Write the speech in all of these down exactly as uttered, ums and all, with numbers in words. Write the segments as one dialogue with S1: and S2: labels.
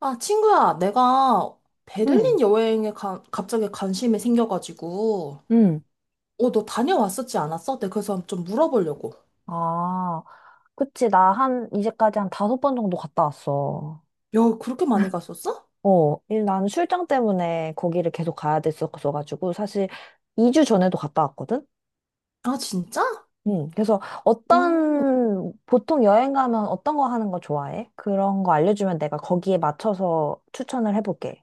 S1: 아, 친구야, 내가
S2: 응,
S1: 베를린 여행에 가- 갑자기 관심이 생겨가지고,
S2: 응.
S1: 어, 너 다녀왔었지 않았어? 내가 그래서 좀 물어보려고.
S2: 아, 그치. 나 한, 이제까지 한 다섯 번 정도 갔다 왔어.
S1: 야, 그렇게 많이 갔었어?
S2: 어, 일, 나는 출장 때문에 거기를 계속 가야 됐었어가지고, 사실 이 주 전에도 갔다 왔거든?
S1: 아, 진짜?
S2: 응, 그래서
S1: 오.
S2: 어떤, 보통 여행 가면 어떤 거 하는 거 좋아해? 그런 거 알려주면 내가 거기에 맞춰서 추천을 해볼게.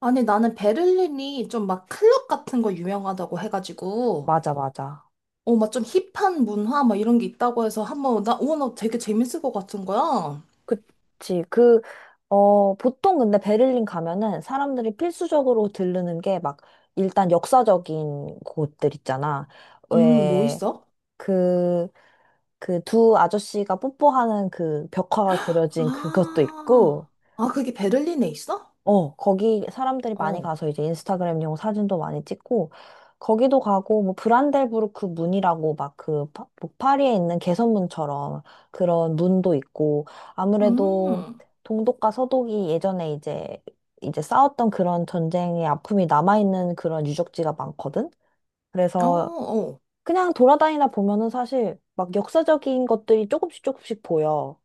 S1: 아니, 나는 베를린이 좀 막 클럽 같은 거 유명하다고 해가지고,
S2: 맞아, 맞아.
S1: 어, 막 좀 힙한 문화 막 이런 게 있다고 해서 한번, 나, 어, 나 되게 재밌을 것 같은 거야.
S2: 그치. 그, 어, 보통 근데 베를린 가면은 사람들이 필수적으로 들르는 게 막, 일단 역사적인 곳들 있잖아.
S1: 음, 뭐
S2: 왜,
S1: 있어?
S2: 그, 그 두 아저씨가 뽀뽀하는 그 벽화가 그려진 그것도
S1: 아,
S2: 있고,
S1: 아, 그게 베를린에 있어?
S2: 어, 거기 사람들이 많이
S1: 어.
S2: 가서 이제 인스타그램용 사진도 많이 찍고, 거기도 가고, 뭐, 브란델부르크 문이라고 막 그, 파- 뭐 파리에 있는 개선문처럼 그런 문도 있고, 아무래도
S1: 음,
S2: 동독과 서독이 예전에 이제, 이제 싸웠던 그런 전쟁의 아픔이 남아있는 그런 유적지가 많거든?
S1: 어,
S2: 그래서
S1: 어.
S2: 그냥 돌아다니다 보면은 사실 막 역사적인 것들이 조금씩 조금씩 보여.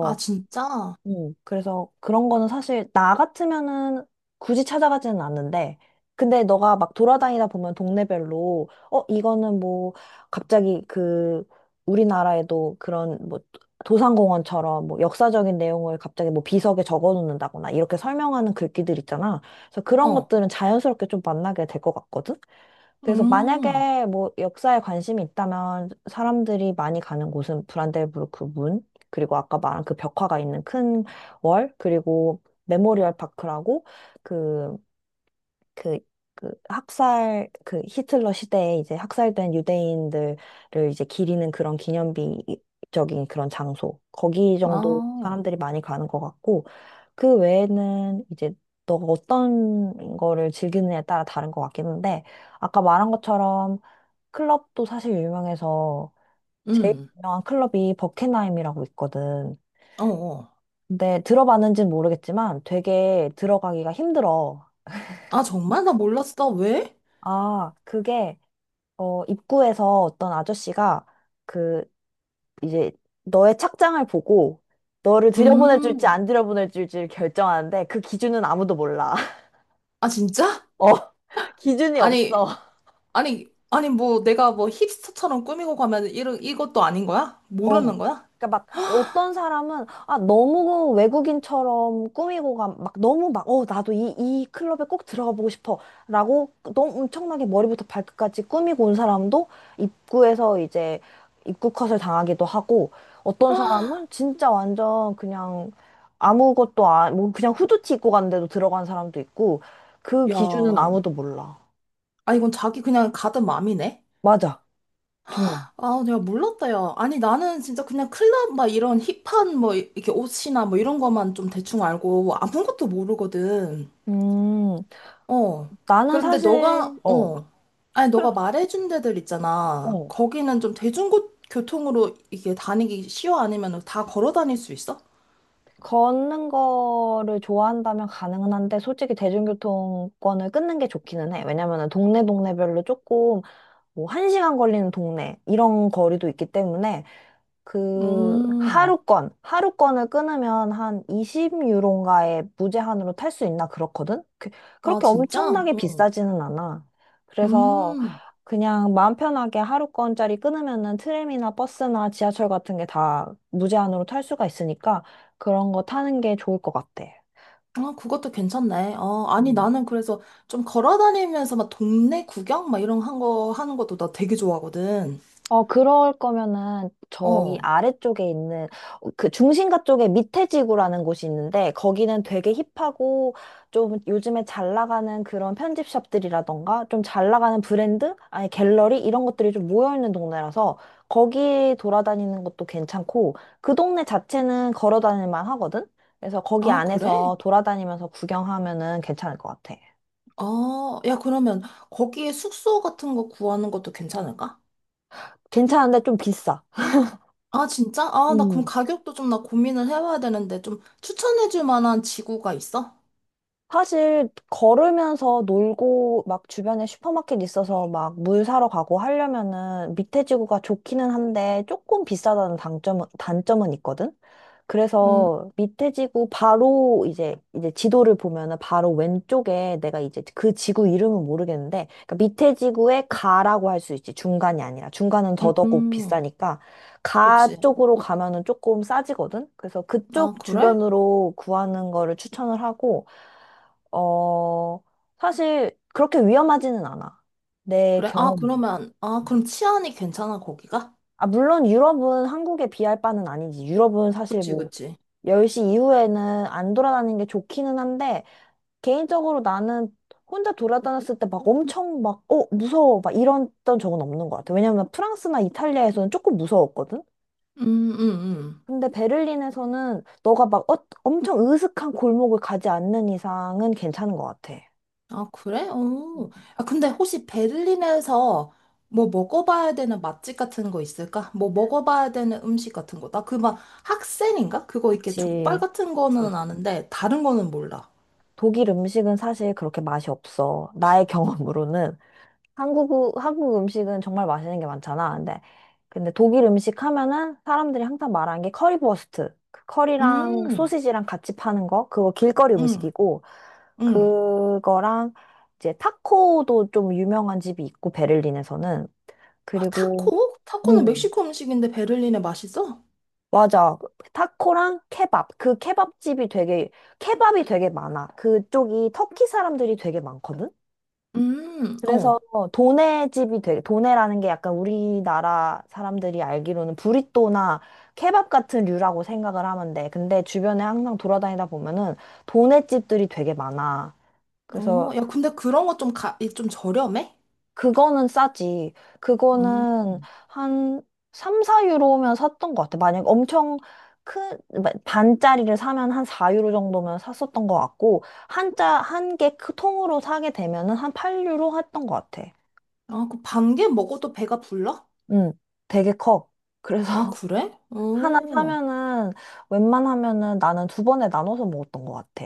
S1: 아, 진짜?
S2: 음, 그래서 그런 거는 사실 나 같으면은 굳이 찾아가지는 않는데, 근데 너가 막 돌아다니다 보면 동네별로, 어, 이거는 뭐, 갑자기 그, 우리나라에도 그런 뭐, 도산공원처럼 뭐 역사적인 내용을 갑자기 뭐 비석에 적어 놓는다거나 이렇게 설명하는 글귀들 있잖아. 그래서 그런
S1: 어,
S2: 것들은 자연스럽게 좀 만나게 될 것 같거든? 그래서
S1: 음,
S2: 만약에 뭐 역사에 관심이 있다면 사람들이 많이 가는 곳은 브란덴부르크 문, 그리고 아까 말한 그 벽화가 있는 큰 월, 그리고 메모리얼 파크라고 그 그, 그 학살, 그 히틀러 시대에 이제 학살된 유대인들을 이제 기리는 그런 기념비적인 그런 장소. 거기 정도
S1: 아,
S2: 사람들이 많이 가는 것 같고, 그 외에는 이제 너가 어떤 거를 즐기느냐에 따라 다른 것 같긴 한데, 아까 말한 것처럼 클럽도 사실 유명해서 제일
S1: 음,
S2: 유명한 클럽이 버켄하임이라고 있거든.
S1: 어, 어.
S2: 근데 들어봤는지는 모르겠지만 되게 들어가기가 힘들어.
S1: 아, 정말? 나 몰랐어. 왜?
S2: 아, 그게 어, 입구에서 어떤 아저씨가 그 이제 너의 착장을 보고 너를 들여보내 줄지
S1: 음,
S2: 안 들여보내 줄지를 결정하는데 그 기준은 아무도 몰라.
S1: 아, 진짜?
S2: 어, 기준이
S1: 아니,
S2: 없어.
S1: 아니, 아니, 뭐, 내가 뭐 힙스터처럼 꾸미고 가면 이런, 이것도 아닌 거야?
S2: 어.
S1: 모르는 거야?
S2: 그러니까 막 어떤 사람은 아 너무 외국인처럼 꾸미고 가, 막 너무 막 어 나도 이 이 클럽에 꼭 들어가 보고 싶어라고 너무 엄청나게 머리부터 발끝까지 꾸미고 온 사람도 입구에서 이제 입구 컷을 당하기도 하고 어떤 사람은 진짜 완전 그냥 아무것도 안뭐 그냥 후드티 입고 갔는데도 들어간 사람도 있고 그 기준은
S1: 야,
S2: 아무도 몰라.
S1: 아, 이건 자기 그냥 가든 맘이네?
S2: 맞아. 정말.
S1: 아, 내가 몰랐다, 야. 아니, 나는 진짜 그냥 클럽, 막 이런 힙한, 뭐, 이렇게 옷이나 뭐 이런 것만 좀 대충 알고 아무것도 모르거든.
S2: 음.
S1: 어.
S2: 나는
S1: 그런데 너가,
S2: 사실 어.
S1: 어. 아니,
S2: 그래.
S1: 너가 말해준 데들 있잖아.
S2: 어.
S1: 거기는 좀 대중교통으로 이게 다니기 쉬워? 아니면 다 걸어 다닐 수 있어?
S2: 걷는 거를 좋아한다면 가능은 한데 솔직히 대중교통권을 끊는 게 좋기는 해. 왜냐면은 동네 동네별로 조금 뭐 한 시간 걸리는 동네 이런 거리도 있기 때문에 그
S1: 음.
S2: 하루권, 하루권을 끊으면 한 이십 유로인가에 무제한으로 탈 수 있나 그렇거든? 그,
S1: 아,
S2: 그렇게
S1: 진짜?
S2: 엄청나게
S1: 어,
S2: 비싸지는 않아. 그래서
S1: 음.
S2: 그냥 마음 편하게 하루권짜리 끊으면은 트램이나 버스나 지하철 같은 게 다 무제한으로 탈 수가 있으니까 그런 거 타는 게 좋을 것 같아.
S1: 아, 그것도 괜찮네. 어, 아니,
S2: 음.
S1: 나는 그래서 좀 걸어 다니면서 막 동네 구경? 막 이런 한 거, 하는 것도 나 되게 좋아하거든.
S2: 어, 그럴 거면은 저기
S1: 어.
S2: 아래쪽에 있는 어, 그 중심가 쪽에 밑에 지구라는 곳이 있는데 거기는 되게 힙하고 좀 요즘에 잘 나가는 그런 편집샵들이라던가 좀 잘 나가는 브랜드? 아니 갤러리? 이런 것들이 좀 모여있는 동네라서 거기 돌아다니는 것도 괜찮고 그 동네 자체는 걸어 다닐 만 하거든? 그래서 거기
S1: 아, 그래?
S2: 안에서 돌아다니면서 구경하면은 괜찮을 것 같아.
S1: 아, 야, 그러면 거기에 숙소 같은 거 구하는 것도 괜찮을까?
S2: 괜찮은데 좀 비싸.
S1: 아, 진짜? 아, 나 그럼
S2: 음.
S1: 가격도 좀 나 고민을 해봐야 되는데, 좀 추천해줄 만한 지구가 있어?
S2: 사실 걸으면서 놀고 막 주변에 슈퍼마켓 있어서 막 물 사러 가고 하려면은 밑에 지구가 좋기는 한데 조금 비싸다는 단점은 단점은 있거든.
S1: 음,
S2: 그래서 밑에 지구 바로 이제 이제 지도를 보면은 바로 왼쪽에 내가 이제 그 지구 이름은 모르겠는데 그러니까 밑에 지구에 가라고 할 수 있지 중간이 아니라 중간은 더더욱
S1: 음,
S2: 비싸니까 가
S1: 그치.
S2: 쪽으로 가면은 조금 싸지거든. 그래서 그쪽
S1: 아, 그래?
S2: 주변으로 구하는 거를 추천을 하고 어, 사실 그렇게 위험하지는 않아. 내
S1: 그래? 아,
S2: 경험이.
S1: 그러면, 아, 그럼
S2: 음.
S1: 치안이 괜찮아, 거기가?
S2: 아, 물론 유럽은 한국에 비할 바는 아니지. 유럽은 사실
S1: 그치,
S2: 뭐
S1: 그치.
S2: 열 시 이후에는 안 돌아다니는 게 좋기는 한데 개인적으로 나는 혼자 돌아다녔을 때 막 엄청 막, 어, 무서워. 막 이랬던 적은 없는 것 같아. 왜냐면 프랑스나 이탈리아에서는 조금 무서웠거든?
S1: 음, 음, 음.
S2: 근데 베를린에서는 너가 막 어, 엄청 으슥한 골목을 가지 않는 이상은 괜찮은 것 같아.
S1: 아, 그래?
S2: 음.
S1: 오. 아, 근데 혹시 베를린에서 뭐 먹어봐야 되는 맛집 같은 거 있을까? 뭐 먹어봐야 되는 음식 같은 거. 나 그 막 학생인가? 그거 이렇게 족발
S2: 그치.
S1: 같은 거는 아는데, 다른 거는 몰라.
S2: 독일 음식은 사실 그렇게 맛이 없어. 나의 경험으로는 한국 한국 음식은 정말 맛있는 게 많잖아. 근데 근데 독일 음식 하면은 사람들이 항상 말하는 게 커리버스트. 그 커리랑
S1: 음,
S2: 소시지랑 같이 파는 거. 그거 길거리
S1: 음,
S2: 음식이고
S1: 음.
S2: 그거랑 이제 타코도 좀 유명한 집이 있고 베를린에서는
S1: 아,
S2: 그리고
S1: 타코? 타코는
S2: 음.
S1: 멕시코 음식인데 베를린에 맛있어?
S2: 맞아. 타코랑 케밥. 그 케밥집이 되게, 케밥이 되게 많아. 그쪽이 터키 사람들이 되게 많거든?
S1: 음,
S2: 그래서
S1: 어.
S2: 도네 집이 되게 도네라는 게 약간 우리나라 사람들이 알기로는 브리또나 케밥 같은 류라고 생각을 하면 돼. 근데 주변에 항상 돌아다니다 보면은 도네 집들이 되게 많아.
S1: 어,
S2: 그래서
S1: 야, 근데 그런 거 좀 가, 이 좀 저렴해?
S2: 그거는 싸지.
S1: 음.
S2: 그거는 한 삼, 사 유로면 샀던 것 같아. 만약 엄청 큰 반짜리를 사면 한 사 유로 정도면 샀었던 것 같고 한자 한 개 통으로 사게 되면은 한 팔 유로 했던 것 같아.
S1: 아, 그 반개 먹어도 배가 불러?
S2: 응, 되게 커.
S1: 아,
S2: 그래서
S1: 그래?
S2: 하나
S1: 어.
S2: 사면은 웬만하면은 나는 두 번에 나눠서 먹었던 것 같아.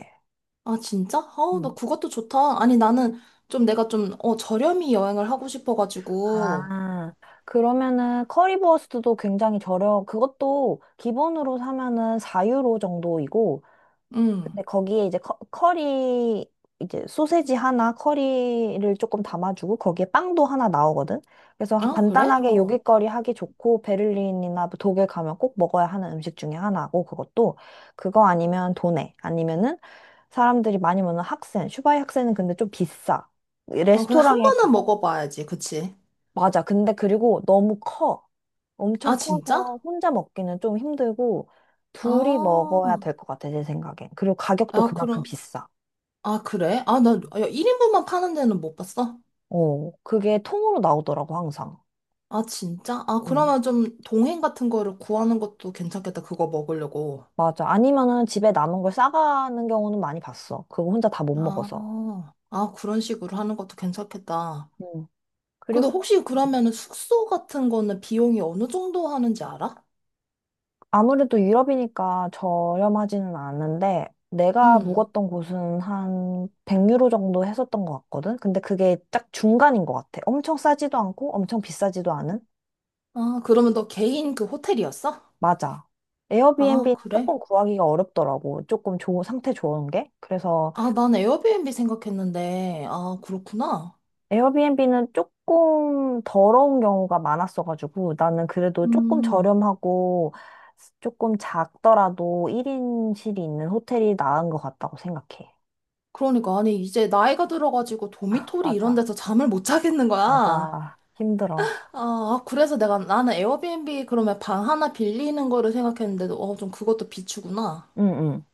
S1: 아, 진짜? 아우, 나
S2: 음.
S1: 그것도 좋다. 아니, 나는 좀 내가 좀, 어, 저렴이 여행을 하고 싶어가지고.
S2: 아, 그러면은 커리버스트도 굉장히 저렴, 그것도 기본으로 사면은 사 유로 정도이고,
S1: 음.
S2: 근데 거기에 이제 커, 커리 이제 소세지 하나 커리를 조금 담아주고 거기에 빵도 하나 나오거든. 그래서
S1: 아, 그래?
S2: 간단하게
S1: 어.
S2: 요깃거리 하기 좋고 베를린이나 뭐 독일 가면 꼭 먹어야 하는 음식 중에 하나고 그것도 그거 아니면 도네 아니면은 사람들이 많이 먹는 학센 슈바이 학센은 근데 좀 비싸.
S1: 아, 그래, 한
S2: 레스토랑에
S1: 번은
S2: 가.
S1: 먹어봐야지. 그치?
S2: 맞아. 근데 그리고 너무 커. 엄청
S1: 아, 진짜?
S2: 커서 혼자 먹기는 좀 힘들고 둘이
S1: 아,
S2: 먹어야 될 것 같아 내 생각엔. 그리고 가격도
S1: 아,
S2: 그만큼
S1: 그럼,
S2: 비싸.
S1: 아, 그래? 아, 나, 야, 일 인분만 파는 데는 못 봤어?
S2: 어, 그게 통으로 나오더라고, 항상.
S1: 아, 진짜? 아,
S2: 음,
S1: 그러면 좀 동행 같은 거를 구하는 것도 괜찮겠다. 그거 먹으려고.
S2: 맞아. 아니면은 집에 남은 걸 싸가는 경우는 많이 봤어. 그거 혼자 다 못
S1: 아,
S2: 먹어서.
S1: 아, 그런 식으로 하는 것도 괜찮겠다.
S2: 음.
S1: 근데
S2: 그리고
S1: 혹시 그러면은 숙소 같은 거는 비용이 어느 정도 하는지 알아?
S2: 아무래도 유럽이니까 저렴하지는 않은데, 내가
S1: 음.
S2: 묵었던 곳은 한 백 유로 정도 했었던 것 같거든? 근데 그게 딱 중간인 것 같아. 엄청 싸지도 않고, 엄청 비싸지도 않은?
S1: 아, 그러면 너 개인 그 호텔이었어?
S2: 맞아.
S1: 아,
S2: 에어비앤비는
S1: 그래?
S2: 조금 구하기가 어렵더라고. 조금 좋은, 상태 좋은 게. 그래서
S1: 아, 난 에어비앤비 생각했는데. 아, 그렇구나.
S2: 에어비앤비는 조금 더러운 경우가 많았어가지고 나는 그래도 조금
S1: 음.
S2: 저렴하고 조금 작더라도 일 인실이 있는 호텔이 나은 것 같다고 생각해.
S1: 그러니까, 아니, 이제 나이가 들어가지고 도미토리 이런
S2: 맞아,
S1: 데서 잠을 못 자겠는 거야.
S2: 맞아. 힘들어.
S1: 아, 아, 그래서 내가 나는 에어비앤비 그러면 방 하나 빌리는 거를 생각했는데도 어, 좀 그것도 비추구나.
S2: 응, 응,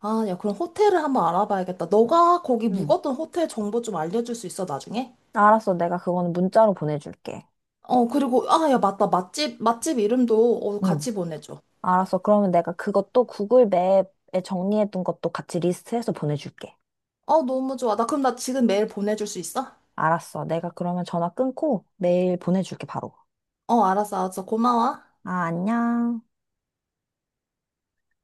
S1: 아, 야, 그럼 호텔을 한번 알아봐야겠다. 너가 거기
S2: 응.
S1: 묵었던 호텔 정보 좀 알려줄 수 있어, 나중에?
S2: 알았어. 내가 그거는 문자로 보내줄게.
S1: 어, 그리고 아, 야, 맞다. 맛집 맛집 이름도 어,
S2: 응.
S1: 같이 보내줘.
S2: 알았어. 그러면 내가 그것도 구글 맵에 정리해둔 것도 같이 리스트해서 보내줄게.
S1: 어, 너무 좋아. 나 그럼 나 지금 메일 보내줄 수 있어?
S2: 알았어. 내가 그러면 전화 끊고 메일 보내줄게, 바로.
S1: 어, 알았어, 알았어. 고마워.
S2: 아, 안녕.